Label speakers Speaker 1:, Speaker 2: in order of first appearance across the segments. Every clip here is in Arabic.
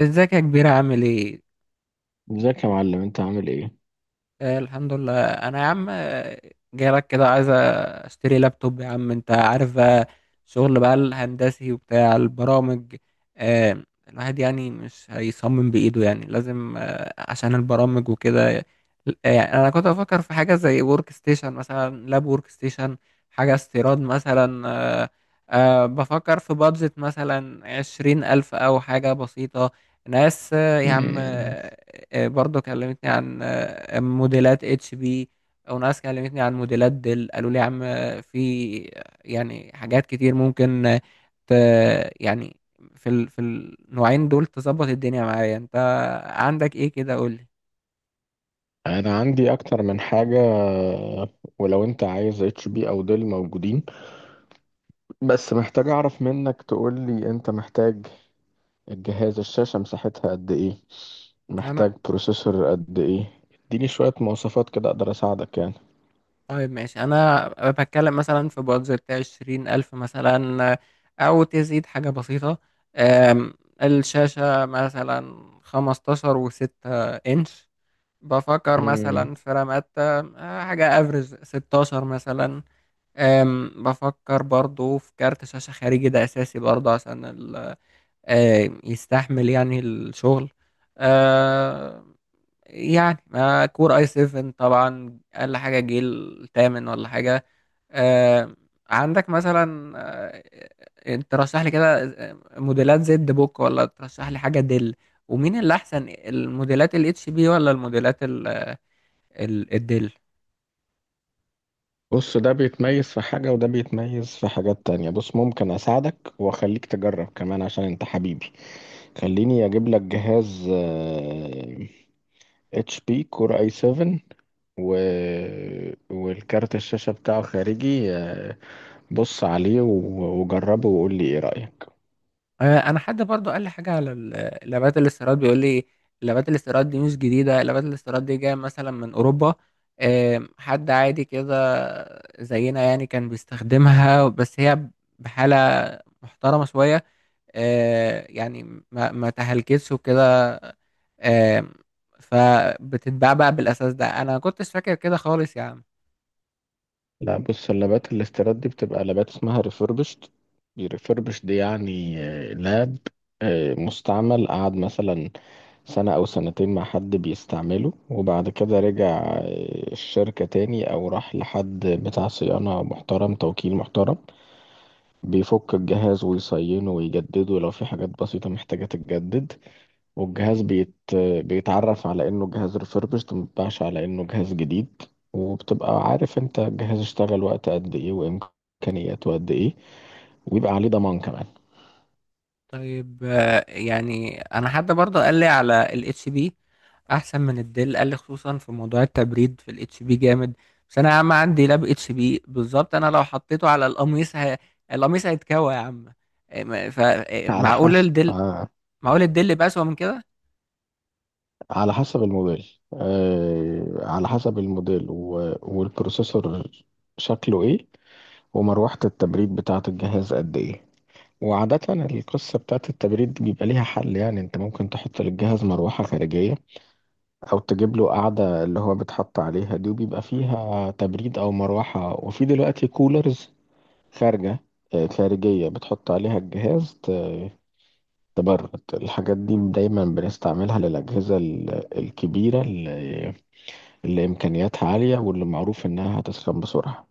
Speaker 1: ازيك يا كبير، عامل ايه؟
Speaker 2: ازيك يا معلم انت عامل ايه؟
Speaker 1: الحمد لله. انا يا عم جاي لك كده، عايز اشتري لابتوب. يا عم انت عارف بقى، شغل بقى الهندسي وبتاع البرامج. آه الواحد يعني مش هيصمم بايده، يعني لازم عشان البرامج وكده. يعني انا كنت بفكر في حاجة زي ورك ستيشن، مثلا لاب ورك ستيشن، حاجة استيراد مثلا. آه بفكر في بادجت مثلا 20,000 أو حاجة بسيطة. ناس يا عم
Speaker 2: مم.
Speaker 1: آه، برضه كلمتني عن موديلات اتش بي، وناس كلمتني عن موديلات ديل، قالوا لي يا عم في يعني حاجات كتير ممكن ت يعني في النوعين دول تظبط الدنيا معايا. انت عندك ايه كده؟ قول لي.
Speaker 2: انا عندي اكتر من حاجة. ولو انت عايز اتش بي او ديل موجودين، بس محتاج اعرف منك. تقول لي انت محتاج الجهاز الشاشة مساحتها قد ايه،
Speaker 1: انا
Speaker 2: محتاج بروسيسور قد ايه. اديني شوية مواصفات كده اقدر اساعدك يعني.
Speaker 1: طيب، ماشي. انا بتكلم مثلا في بادجت 20,000 مثلا، او تزيد حاجة بسيطة. أم، الشاشة مثلا 15.6 انش. بفكر
Speaker 2: مم.
Speaker 1: مثلا في راماتا، حاجة افرز 16 مثلا. بفكر برضو في كارت شاشة خارجي، ده اساسي برضو عشان يستحمل يعني الشغل آه، يعني ما كور اي 7 طبعا، اقل حاجة جيل تامن ولا حاجة آه، عندك مثلا ترشح لي كده موديلات زد بوك، ولا ترشح لي حاجة دل؟ ومين اللي احسن، الموديلات الاتش بي ولا الموديلات الدل؟
Speaker 2: بص ده بيتميز في حاجة وده بيتميز في حاجات تانية. بص ممكن أساعدك وأخليك تجرب كمان عشان أنت حبيبي. خليني أجيب لك جهاز اتش بي كور اي 7. و... والكارت الشاشة بتاعه خارجي، آه، بص عليه وجربه وقول لي ايه رأيك.
Speaker 1: انا حد برضو قال لي حاجه على لابات الاستيراد، بيقول لي لابات الاستيراد دي مش جديده، لابات الاستيراد دي جايه مثلا من اوروبا. حد عادي كده زينا، يعني كان بيستخدمها، بس هي بحاله محترمه شويه. يعني ما تهلكتش وكده. آم، فبتتباع بقى بالاساس. ده انا كنتش فاكر كده خالص يا عم.
Speaker 2: لا، بص اللابات الاستيراد دي بتبقى لابات اسمها ريفربشت. ريفربشت دي يعني لاب مستعمل، قعد مثلا سنة أو سنتين مع حد بيستعمله، وبعد كده رجع الشركة تاني أو راح لحد بتاع صيانة محترم، توكيل محترم بيفك الجهاز ويصينه ويجدده لو في حاجات بسيطة محتاجة تتجدد. والجهاز بيتعرف على انه جهاز refurbished، مبيتباعش على انه جهاز جديد. وبتبقى عارف انت الجهاز اشتغل وقت قد ايه وامكانياته قد ايه، ويبقى عليه ضمان كمان.
Speaker 1: طيب، يعني انا حد برضه قال لي على الاتش بي احسن من الديل، قال لي خصوصا في موضوع التبريد في الاتش بي جامد. بس انا يا عم عندي لاب اتش بي بالظبط، انا لو حطيته على القميص القميص هيتكوى يا عم. إيه، ما- ف إيه،
Speaker 2: على
Speaker 1: معقول
Speaker 2: حسب
Speaker 1: الديل،
Speaker 2: آه،
Speaker 1: معقول الديل يبقى اسوأ من كده؟
Speaker 2: على حسب الموديل آه، على حسب الموديل والبروسيسور شكله ايه، ومروحة التبريد بتاعة الجهاز قد ايه. وعادة القصة بتاعت التبريد دي بيبقى ليها حل. يعني انت ممكن تحط للجهاز مروحة خارجية، او تجيب له قاعدة اللي هو بيتحط عليها دي وبيبقى فيها تبريد او مروحة. وفي دلوقتي كولرز خارجة آه، خارجية بتحط عليها الجهاز تبرد. الحاجات دي دايما بنستعملها للأجهزة الكبيرة اللي إمكانياتها عالية واللي معروف إنها هتسخن بسرعة.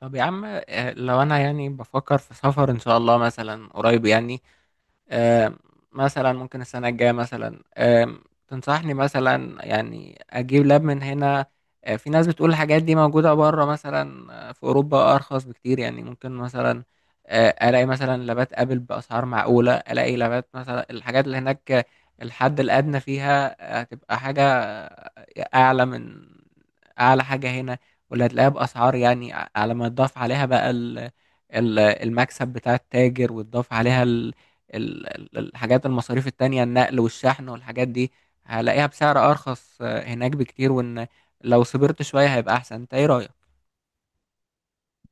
Speaker 1: طب يا عم، لو انا يعني بفكر في سفر ان شاء الله مثلا قريب، يعني آم، مثلا ممكن السنة الجاية مثلا، تنصحني مثلا يعني أجيب لاب من هنا؟ في ناس بتقول الحاجات دي موجودة بره مثلا، في أوروبا أرخص بكتير. يعني ممكن مثلا ألاقي مثلا لابات أبل بأسعار معقولة، ألاقي لابات مثلا الحاجات اللي هناك، الحد الأدنى فيها، هتبقى حاجة، أعلى من أعلى حاجة هنا. واللي هتلاقيها بأسعار، يعني على ما تضاف عليها بقى المكسب بتاع التاجر، وتضاف عليها الحاجات، المصاريف التانية، النقل والشحن والحاجات دي، هلاقيها بسعر أرخص، هناك بكتير. وإن لو صبرت شوية هيبقى أحسن. أنت إيه رأيك؟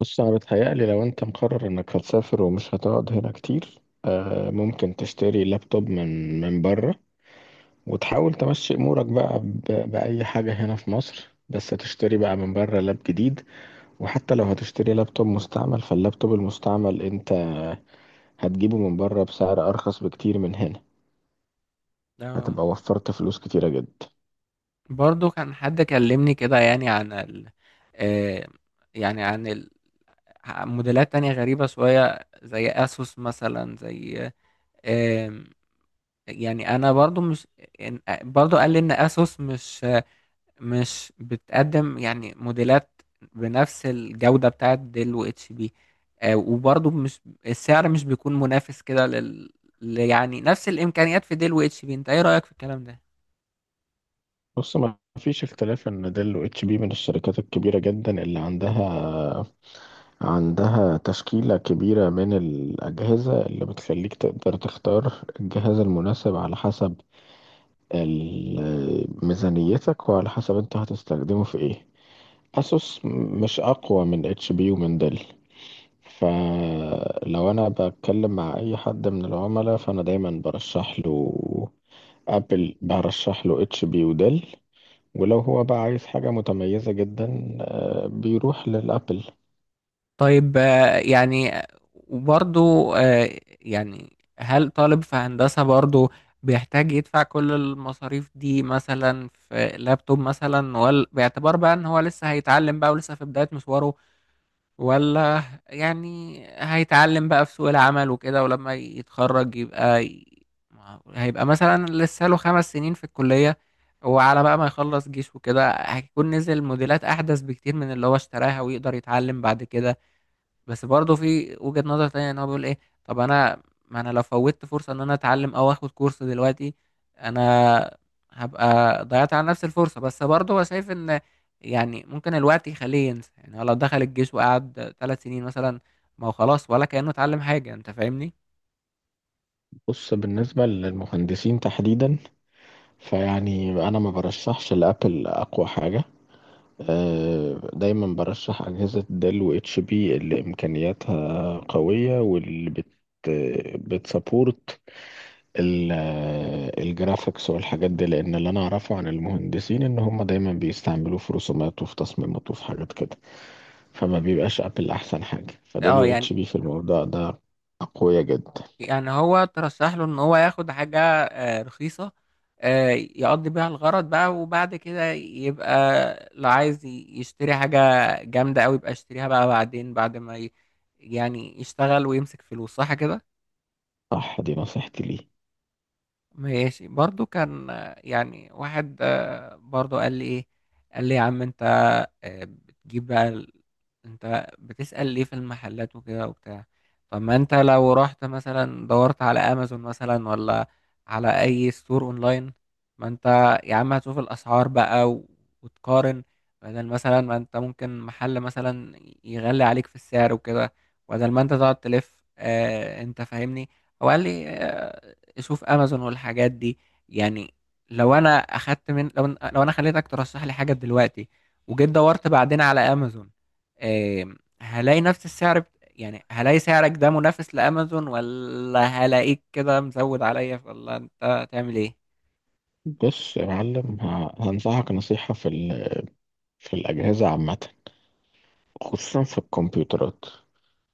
Speaker 2: بص، انا بتهيألي لو انت مقرر انك هتسافر ومش هتقعد هنا كتير، ممكن تشتري لابتوب من بره، وتحاول تمشي امورك بقى بأي حاجة هنا في مصر، بس تشتري بقى من بره لاب جديد. وحتى لو هتشتري لابتوب مستعمل، فاللابتوب المستعمل انت هتجيبه من بره بسعر ارخص بكتير من هنا.
Speaker 1: اه.
Speaker 2: هتبقى وفرت فلوس كتيرة جدا.
Speaker 1: برضو كان حد كلمني كده، يعني عن آه، يعني عن موديلات تانية غريبة شوية زي أسوس مثلا، زي آم، يعني أنا برضو مش، برضو قال لي إن أسوس مش بتقدم يعني موديلات بنفس الجودة بتاعت ديل و اتش بي، وبرضه مش، السعر مش بيكون منافس كده يعني نفس الإمكانيات في ديل و اتش بي. انت ايه رأيك في الكلام ده؟
Speaker 2: بص، ما فيش اختلاف ان ديل و اتش بي من الشركات الكبيرة جدا اللي عندها تشكيلة كبيرة من الأجهزة اللي بتخليك تقدر تختار الجهاز المناسب على حسب ميزانيتك وعلى حسب انت هتستخدمه في ايه. أسوس مش أقوى من اتش بي ومن ديل. فلو أنا بتكلم مع أي حد من العملاء، فأنا دايما برشح له ابل، برشح له اتش بي وديل. ولو هو بقى عايز حاجة متميزة جدا بيروح للابل.
Speaker 1: طيب، يعني، وبرضه، يعني هل طالب في هندسة برضه بيحتاج يدفع كل المصاريف دي مثلا في لابتوب مثلا، ولا باعتبار بقى ان هو لسه هيتعلم بقى ولسه في بداية مشواره، ولا يعني هيتعلم بقى في سوق العمل وكده، ولما يتخرج يبقى هيبقى مثلا لسه له 5 سنين في الكلية، وعلى بقى ما يخلص جيش وكده هيكون نزل موديلات أحدث بكتير من اللي هو اشتراها، ويقدر يتعلم بعد كده. بس برضه في وجهة نظر تانية ان هو بيقول ايه، طب انا، ما انا لو فوتت فرصة ان انا اتعلم او اخد كورس دلوقتي، انا هبقى ضيعت على نفس الفرصة. بس برضه هو شايف ان يعني ممكن الوقت يخليه ينسى. يعني هو لو دخل الجيش وقعد 3 سنين مثلا، ما هو خلاص ولا كأنه اتعلم حاجة. انت فاهمني؟
Speaker 2: بص، بالنسبة للمهندسين تحديدا، فيعني أنا ما برشحش لأبل أقوى حاجة. دايما برشح أجهزة ديل و اتش بي اللي إمكانياتها قوية واللي بتسابورت ال- الجرافيكس والحاجات دي، لأن اللي أنا أعرفه عن المهندسين إن هم دايما بيستعملوه في رسومات وفي تصميمات وفي حاجات كده. فما بيبقاش أبل أحسن حاجة، فديل
Speaker 1: اه
Speaker 2: و
Speaker 1: يعني.
Speaker 2: اتش بي في الموضوع ده أقوياء جدا.
Speaker 1: هو ترشح له ان هو ياخد حاجة، رخيصة، يقضي بيها الغرض بقى، وبعد كده يبقى لو عايز يشتري حاجة جامدة أوي، يبقى يشتريها بقى بعدين، بعد ما يعني يشتغل ويمسك فلوس. صح كده؟
Speaker 2: صح، دي نصيحتي ليه.
Speaker 1: ماشي. برضو كان، يعني واحد، برضو قال لي ايه، قال لي يا عم انت، بتجيب بقى انت بتسأل ليه في المحلات وكده وبتاع؟ طب ما انت لو رحت مثلا، دورت على امازون مثلا، ولا على اي ستور اونلاين، ما انت يا عم هتشوف الاسعار بقى وتقارن، بدل مثلا ما انت ممكن محل مثلا يغلي عليك في السعر وكده، بدل ما انت تقعد تلف، انت فاهمني. هو قال لي، تشوف امازون والحاجات دي. يعني لو انا اخدت من لو لو انا خليتك ترشح لي حاجه دلوقتي، وجيت دورت بعدين على امازون آم، هلاقي نفس السعر يعني هلاقي سعرك ده منافس لامازون، ولا هلاقيك كده مزود عليا، ولا انت هتعمل ايه؟
Speaker 2: بص يا معلم، هنصحك نصيحة في الأجهزة عامة، خصوصا في الكمبيوترات.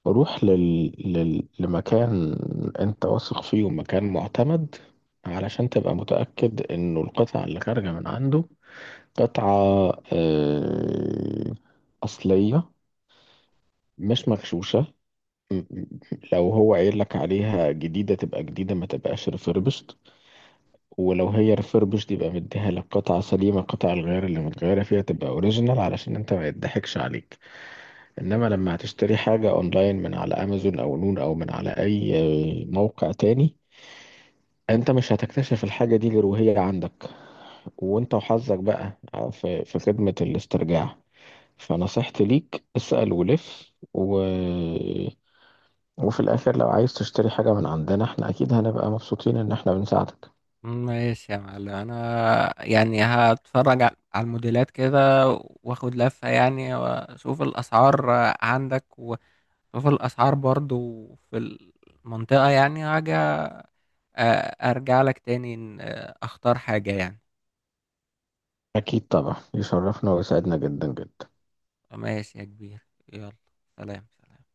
Speaker 2: روح لمكان أنت واثق فيه ومكان معتمد، علشان تبقى متأكد إنه القطعة اللي خارجة من عنده قطعة آه، أصلية، مش مغشوشة. م- م- لو هو قايل لك عليها جديدة تبقى جديدة، ما تبقاش ريفربشت. ولو هي ريفربش يبقى مديها لك قطعة سليمة، قطع الغيار اللي متغيرة فيها تبقى اوريجينال علشان انت ما يضحكش عليك. انما لما هتشتري حاجة اونلاين من على امازون او نون او من على اي موقع تاني، انت مش هتكتشف الحاجة دي غير وهي عندك، وانت وحظك بقى في خدمة الاسترجاع. فنصيحتي ليك اسأل ولف وفي الاخر لو عايز تشتري حاجة من عندنا، احنا اكيد هنبقى مبسوطين ان احنا بنساعدك.
Speaker 1: ماشي يا معلم، انا يعني هتفرج على الموديلات كده، واخد لفة يعني، واشوف الاسعار عندك، واشوف الاسعار برضو في المنطقة، يعني هاجي، ارجع لك تاني. اختار حاجة يعني.
Speaker 2: اكيد طبعا، يشرفنا ويسعدنا جدا جدا.
Speaker 1: ماشي يا كبير. يلا. سلام سلام.